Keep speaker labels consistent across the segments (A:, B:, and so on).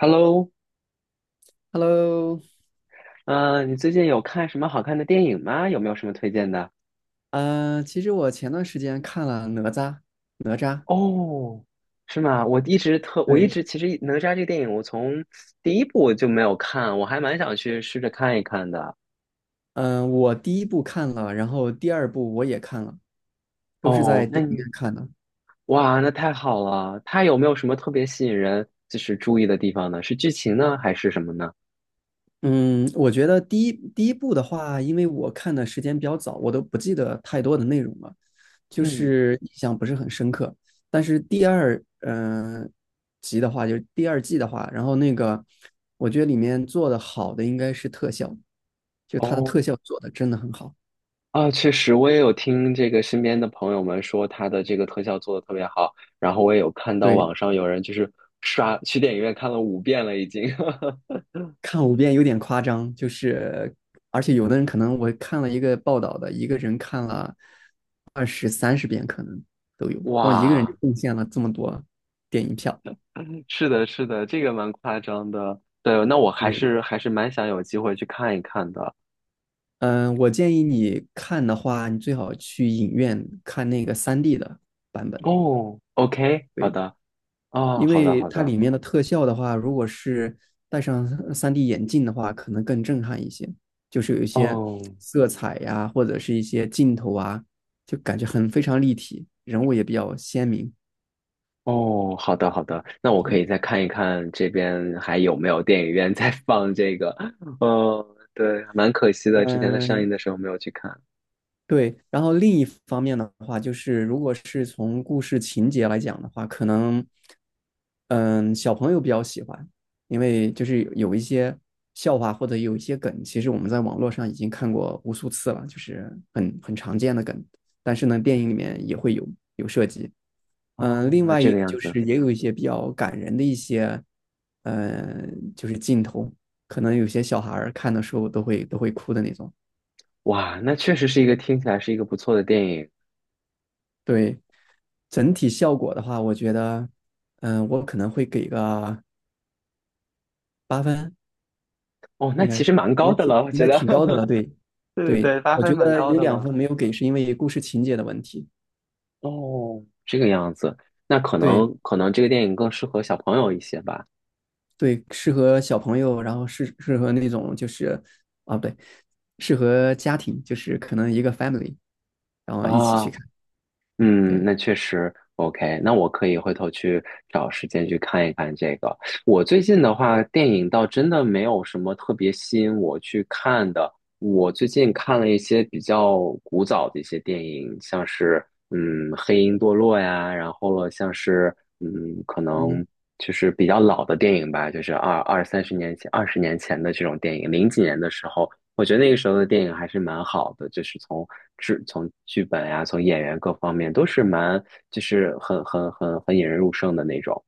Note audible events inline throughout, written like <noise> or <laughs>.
A: Hello，
B: Hello，
A: 你最近有看什么好看的电影吗？有没有什么推荐的？
B: 其实我前段时间看了《哪吒》，哪吒，
A: 哦，是吗？我一直特，我一
B: 对，
A: 直其实《哪吒》这个电影，我从第一部我就没有看，我还蛮想去试着看一看的。
B: 嗯、我第一部看了，然后第二部我也看了，都是
A: 哦，
B: 在
A: 那
B: 电影
A: 你，
B: 院看的。
A: 哇，那太好了！它有没有什么特别吸引人，就是注意的地方呢？是剧情呢，还是什么呢？
B: 嗯，我觉得第一部的话，因为我看的时间比较早，我都不记得太多的内容了，就
A: 嗯，
B: 是印象不是很深刻。但是第二，集的话，就是第二季的话，然后那个，我觉得里面做的好的应该是特效，就它的特
A: 哦，
B: 效做的真的很好。
A: 啊，确实，我也有听这个身边的朋友们说他的这个特效做的特别好，然后我也有看到
B: 对，
A: 网上有人就是刷去电影院看了五遍了已经。<laughs>
B: 看五遍有点夸张，就是而且有的人可能我看了一个报道的，一个人看了二十三十遍可能都有，光一个人就
A: 哇，
B: 贡献了这么多电影票。
A: 是的，是的，这个蛮夸张的。对，那我还
B: 对，
A: 是还是蛮想有机会去看一看的。
B: 嗯，我建议你看的话，你最好去影院看那个三 d 的版本。
A: 哦，OK，好
B: 对，
A: 的，哦，
B: 因
A: 好的，
B: 为
A: 好
B: 它
A: 的，
B: 里面的特效的话，如果是戴上 3D 眼镜的话，可能更震撼一些。就是有一些
A: 哦。
B: 色彩呀、或者是一些镜头啊，就感觉很非常立体，人物也比较鲜明。
A: 哦，好的好的，那我可以
B: 对，
A: 再看一看这边还有没有电影院在放这个。哦，对，蛮可惜的，之前在上映
B: 嗯，
A: 的时候没有去看。
B: 对，然后另一方面的话，就是如果是从故事情节来讲的话，可能，嗯，小朋友比较喜欢，因为就是有一些笑话或者有一些梗，其实我们在网络上已经看过无数次了，就是很常见的梗，但是呢，电影里面也会有涉及。
A: 哦，
B: 另外
A: 这
B: 一
A: 个
B: 个
A: 样
B: 就
A: 子，
B: 是也有一些比较感人的一些，就是镜头，可能有些小孩儿看的时候都会哭的那种。
A: 哇，那确实是一个听起来是一个不错的电影。
B: 对，整体效果的话，我觉得，我可能会给个八分，
A: 哦，那
B: 应该
A: 其实蛮高的了，我
B: 应
A: 觉
B: 该
A: 得。
B: 挺高的
A: <laughs>
B: 了。对，
A: 对对
B: 对，
A: 对，八
B: 我觉
A: 分蛮
B: 得
A: 高
B: 有
A: 的
B: 两
A: 了。
B: 分没有给，是因为故事情节的问题。
A: 哦，这个样子，那可
B: 对
A: 能可能这个电影更适合小朋友一些吧。
B: 对，适合小朋友，然后适合那种就是啊，不对，适合家庭，就是可能一个 family，然后一起
A: 啊、
B: 去看。
A: 嗯，
B: 对，
A: 那确实 OK。那我可以回头去找时间去看一看这个。我最近的话，电影倒真的没有什么特别吸引我去看的。我最近看了一些比较古早的一些电影，像是《黑鹰堕落》呀，然后了像是嗯可能
B: 嗯
A: 就是比较老的电影吧，就是二三十年前、20年前的这种电影，零几年的时候。我觉得那个时候的电影还是蛮好的，就是从制、从剧本呀、从演员各方面都是蛮，就是很引人入胜的那种。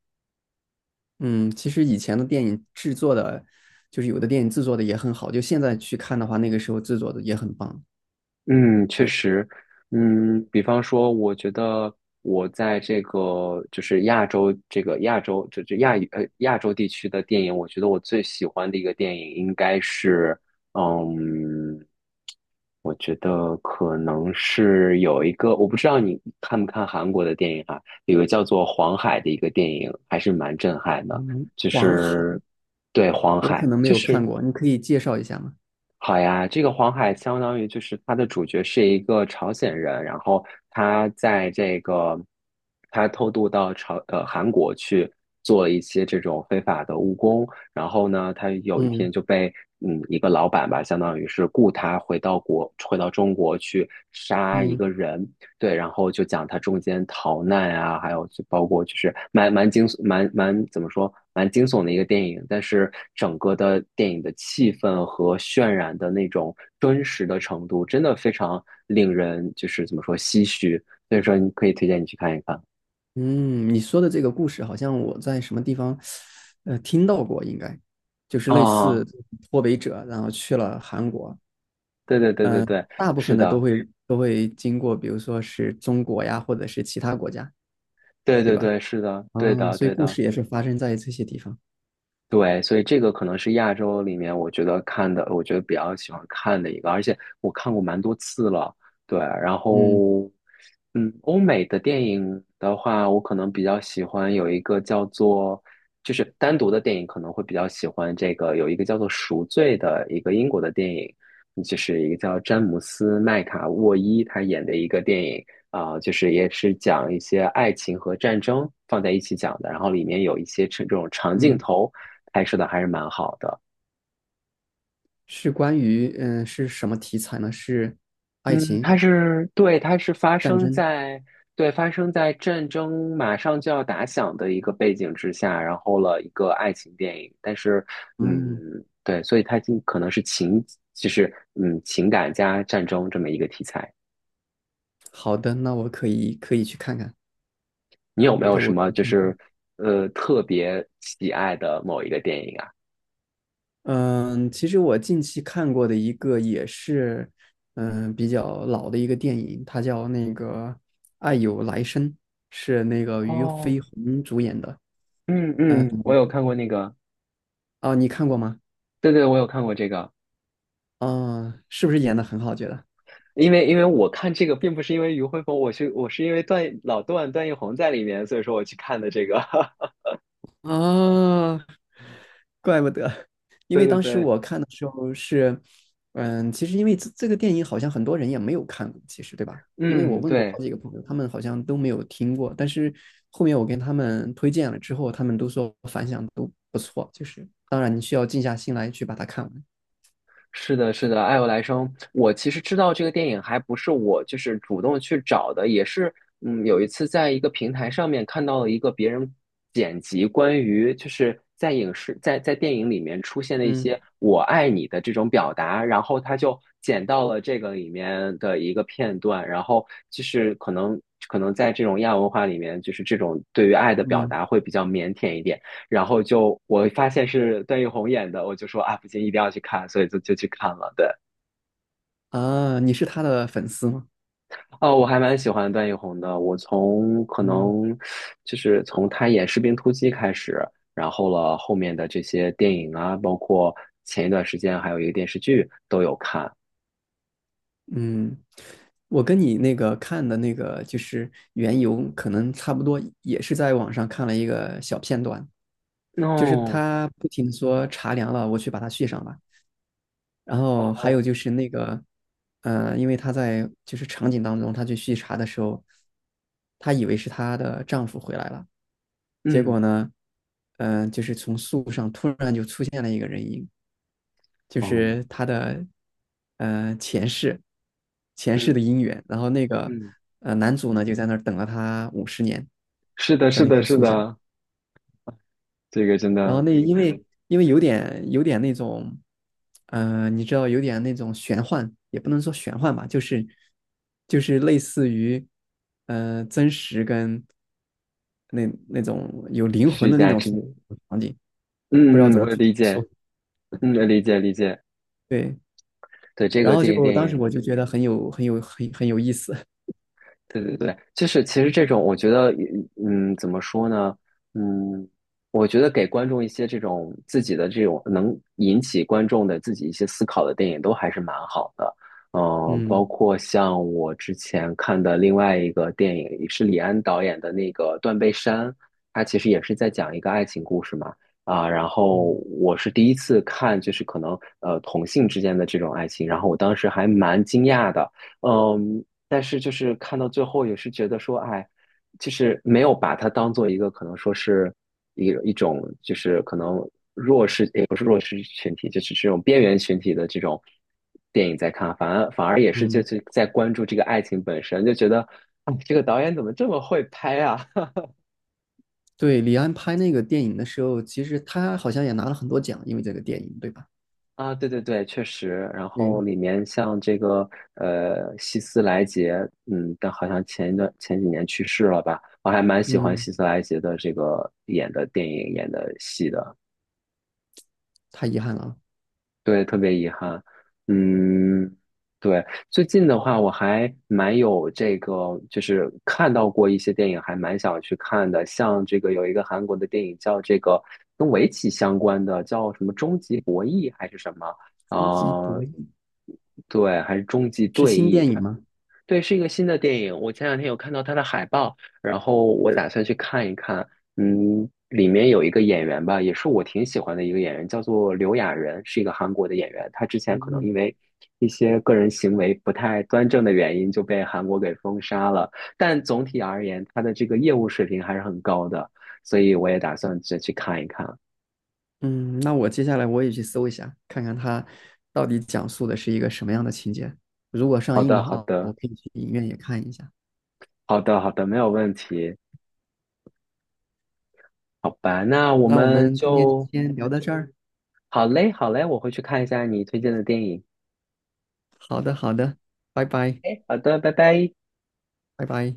B: 嗯，其实以前的电影制作的，就是有的电影制作的也很好，就现在去看的话，那个时候制作的也很棒。
A: 嗯，确
B: 对。
A: 实，嗯，比方说，我觉得我在这个就是亚洲这个亚洲这这亚语呃亚洲地区的电影，我觉得我最喜欢的一个电影应该是，嗯，我觉得可能是有一个，我不知道你看不看韩国的电影啊，有个叫做《黄海》的一个电影，还是蛮震撼的，
B: 嗯，
A: 就
B: 黄
A: 是
B: 海，
A: 对黄
B: 我可
A: 海，
B: 能没
A: 就
B: 有看
A: 是。
B: 过，你可以介绍一下吗？
A: 好呀，这个黄海相当于就是它的主角是一个朝鲜人，然后他在这个他偷渡到韩国去做了一些这种非法的务工，然后呢，他有一天
B: 嗯
A: 就被一个老板吧，相当于是雇他回到中国去杀一
B: 嗯
A: 个人，对，然后就讲他中间逃难啊，还有就包括就是蛮蛮惊蛮蛮怎么说蛮惊悚的一个电影，但是整个的电影的气氛和渲染的那种真实的程度，真的非常令人就是怎么说唏嘘，所以说你可以推荐你去看一看
B: 嗯，你说的这个故事好像我在什么地方，听到过，应该就是类似
A: 啊，
B: 脱北者，然后去了韩国，
A: 对对对对对，
B: 大部
A: 是
B: 分的都
A: 的，
B: 会都会经过，比如说是中国呀，或者是其他国家，
A: 对
B: 对
A: 对
B: 吧？
A: 对是的，对
B: 啊，
A: 的
B: 所以
A: 对
B: 故
A: 的。
B: 事也是发生在这些地方。
A: 对，所以这个可能是亚洲里面我觉得看的，我觉得比较喜欢看的一个，而且我看过蛮多次了。对，然
B: 嗯
A: 后，嗯，欧美的电影的话，我可能比较喜欢有一个叫做，就是单独的电影可能会比较喜欢这个，有一个叫做《赎罪》的一个英国的电影，嗯就是一个叫詹姆斯麦卡沃伊他演的一个电影。啊、就是也是讲一些爱情和战争放在一起讲的，然后里面有一些这种长镜
B: 嗯，
A: 头，拍摄的还是蛮好的。
B: 是关于是什么题材呢？是爱
A: 嗯，
B: 情、
A: 它是对，它是发
B: 战
A: 生
B: 争。
A: 在对发生在战争马上就要打响的一个背景之下，然后了一个爱情电影。但是，
B: 嗯。
A: 嗯，对，所以它就可能是情，就是情感加战争这么一个题材。
B: 好的，那我可以去看看。
A: 你有没有什么就是特别喜爱的某一个电影啊？
B: 嗯，其实我近期看过的一个也是，比较老的一个电影，它叫那个《爱有来生》，是那个俞
A: 哦，
B: 飞鸿主演的。
A: 嗯
B: 嗯，
A: 嗯，我有看过那个，
B: 哦，你看过吗？
A: 对对，我有看过这个。
B: 啊，是不是演的很好？觉得
A: 因为因为我看这个并不是因为于辉鹏，我是因为段老段段奕宏在里面，所以说我去看的这个。<laughs>
B: 啊，怪不得，因
A: 对
B: 为
A: 对
B: 当时
A: 对，
B: 我看的时候是，其实因为这个电影好像很多人也没有看过，其实对吧？因为我
A: 嗯，
B: 问过好
A: 对。
B: 几个朋友，他们好像都没有听过，但是后面我跟他们推荐了之后，他们都说反响都不错，就是当然你需要静下心来去把它看完。
A: 是的，是的，《爱有来生》，我其实知道这个电影还不是我就是主动去找的，也是有一次在一个平台上面看到了一个别人剪辑关于就是在电影里面出现的一些
B: 嗯
A: “我爱你"的这种表达，然后他就剪到了这个里面的一个片段，然后就是可能在这种亚文化里面，就是这种对于爱的表
B: 嗯
A: 达会比较腼腆一点。然后就我发现是段奕宏演的，我就说啊，不行，一定要去看，所以就去看了。对，
B: 啊，你是他的粉丝吗？
A: 哦，我还蛮喜欢段奕宏的，我从可
B: 嗯
A: 能就是从他演《士兵突击》开始，然后了后面的这些电影啊，包括前一段时间还有一个电视剧都有看。
B: 嗯，我跟你那个看的那个就是缘由，可能差不多，也是在网上看了一个小片段。就是
A: 哦，
B: 他不停地说茶凉了，我去把它续上吧。然后还有
A: 哦，
B: 就是那个，因为她在就是场景当中，她去续茶的时候，她以为是她的丈夫回来了，结
A: 嗯，
B: 果呢，就是从树上突然就出现了一个人影，就
A: 哦，
B: 是她的，呃，前世，前世的
A: 嗯
B: 姻缘。然后那个，
A: 嗯，
B: 男主呢就在那儿等了她五十年，
A: 是的，
B: 在
A: 是
B: 那
A: 的，
B: 棵
A: 是
B: 树下。
A: 的，这个真
B: 然后
A: 的
B: 那因为有点那种，你知道有点那种玄幻，也不能说玄幻吧，就是类似于，真实跟那种有灵魂
A: 虚
B: 的那
A: 假
B: 种
A: 之，
B: 场景，不知道
A: 嗯嗯，
B: 怎么
A: 我
B: 去
A: 理解，嗯，理解理解。
B: 对。
A: 对，这
B: 然
A: 个
B: 后
A: 电影
B: 就
A: 电
B: 当时
A: 影
B: 我就觉得很有很有很很有意思，
A: 对对对，就是其实这种，我觉得，嗯，怎么说呢？嗯，我觉得给观众一些这种自己的这种能引起观众的自己一些思考的电影，都还是蛮好的。
B: <laughs>
A: 嗯，包
B: 嗯
A: 括像我之前看的另外一个电影，也是李安导演的那个《断背山》，他其实也是在讲一个爱情故事嘛。啊，然后
B: 嗯
A: 我是第一次看，就是可能同性之间的这种爱情，然后我当时还蛮惊讶的。嗯，但是就是看到最后也是觉得说，哎，就是没有把它当做一个可能说是一种就是可能弱势也不是弱势群体，就是这种边缘群体的这种电影在看，反而也是就
B: 嗯，
A: 是在关注这个爱情本身，就觉得啊，哎这个导演怎么这么会拍啊？
B: 对，李安拍那个电影的时候，其实他好像也拿了很多奖，因为这个电影，对吧？
A: 啊，对对对，确实。然后
B: 嗯
A: 里面像这个希斯莱杰，嗯，但好像前一段前几年去世了吧？我还蛮喜欢
B: 嗯，
A: 希斯莱杰的这个演的电影、演的戏的。
B: 太遗憾了啊。
A: 对，特别遗憾。嗯，对，最近的话，我还蛮有这个，就是看到过一些电影，还蛮想去看的。像这个有一个韩国的电影叫这个跟围棋相关的，叫什么《终极博弈》还是什么？
B: 终极博
A: 啊，
B: 弈
A: 对，还是《终极
B: 是
A: 对
B: 新
A: 弈》，
B: 电影吗？
A: 对，是一个新的电影。我前两天有看到它的海报，然后我打算去看一看。嗯，里面有一个演员吧，也是我挺喜欢的一个演员，叫做刘亚仁，是一个韩国的演员。他之前可能因
B: 嗯
A: 为一些个人行为不太端正的原因，就被韩国给封杀了。但总体而言，他的这个业务水平还是很高的，所以我也打算再去看一看。
B: 嗯，那我接下来我也去搜一下，看看它到底讲述的是一个什么样的情节。如果上
A: 好
B: 映
A: 的，
B: 的
A: 好
B: 话，我
A: 的，
B: 可以去影院也看一下。
A: 好的，好的，没有问题。好吧，那我
B: 那我
A: 们
B: 们今天就
A: 就
B: 先聊到这儿。
A: 好嘞，好嘞，我会去看一下你推荐的电影。
B: 好的，好的，拜拜，
A: 哎，好的，拜拜。
B: 拜拜。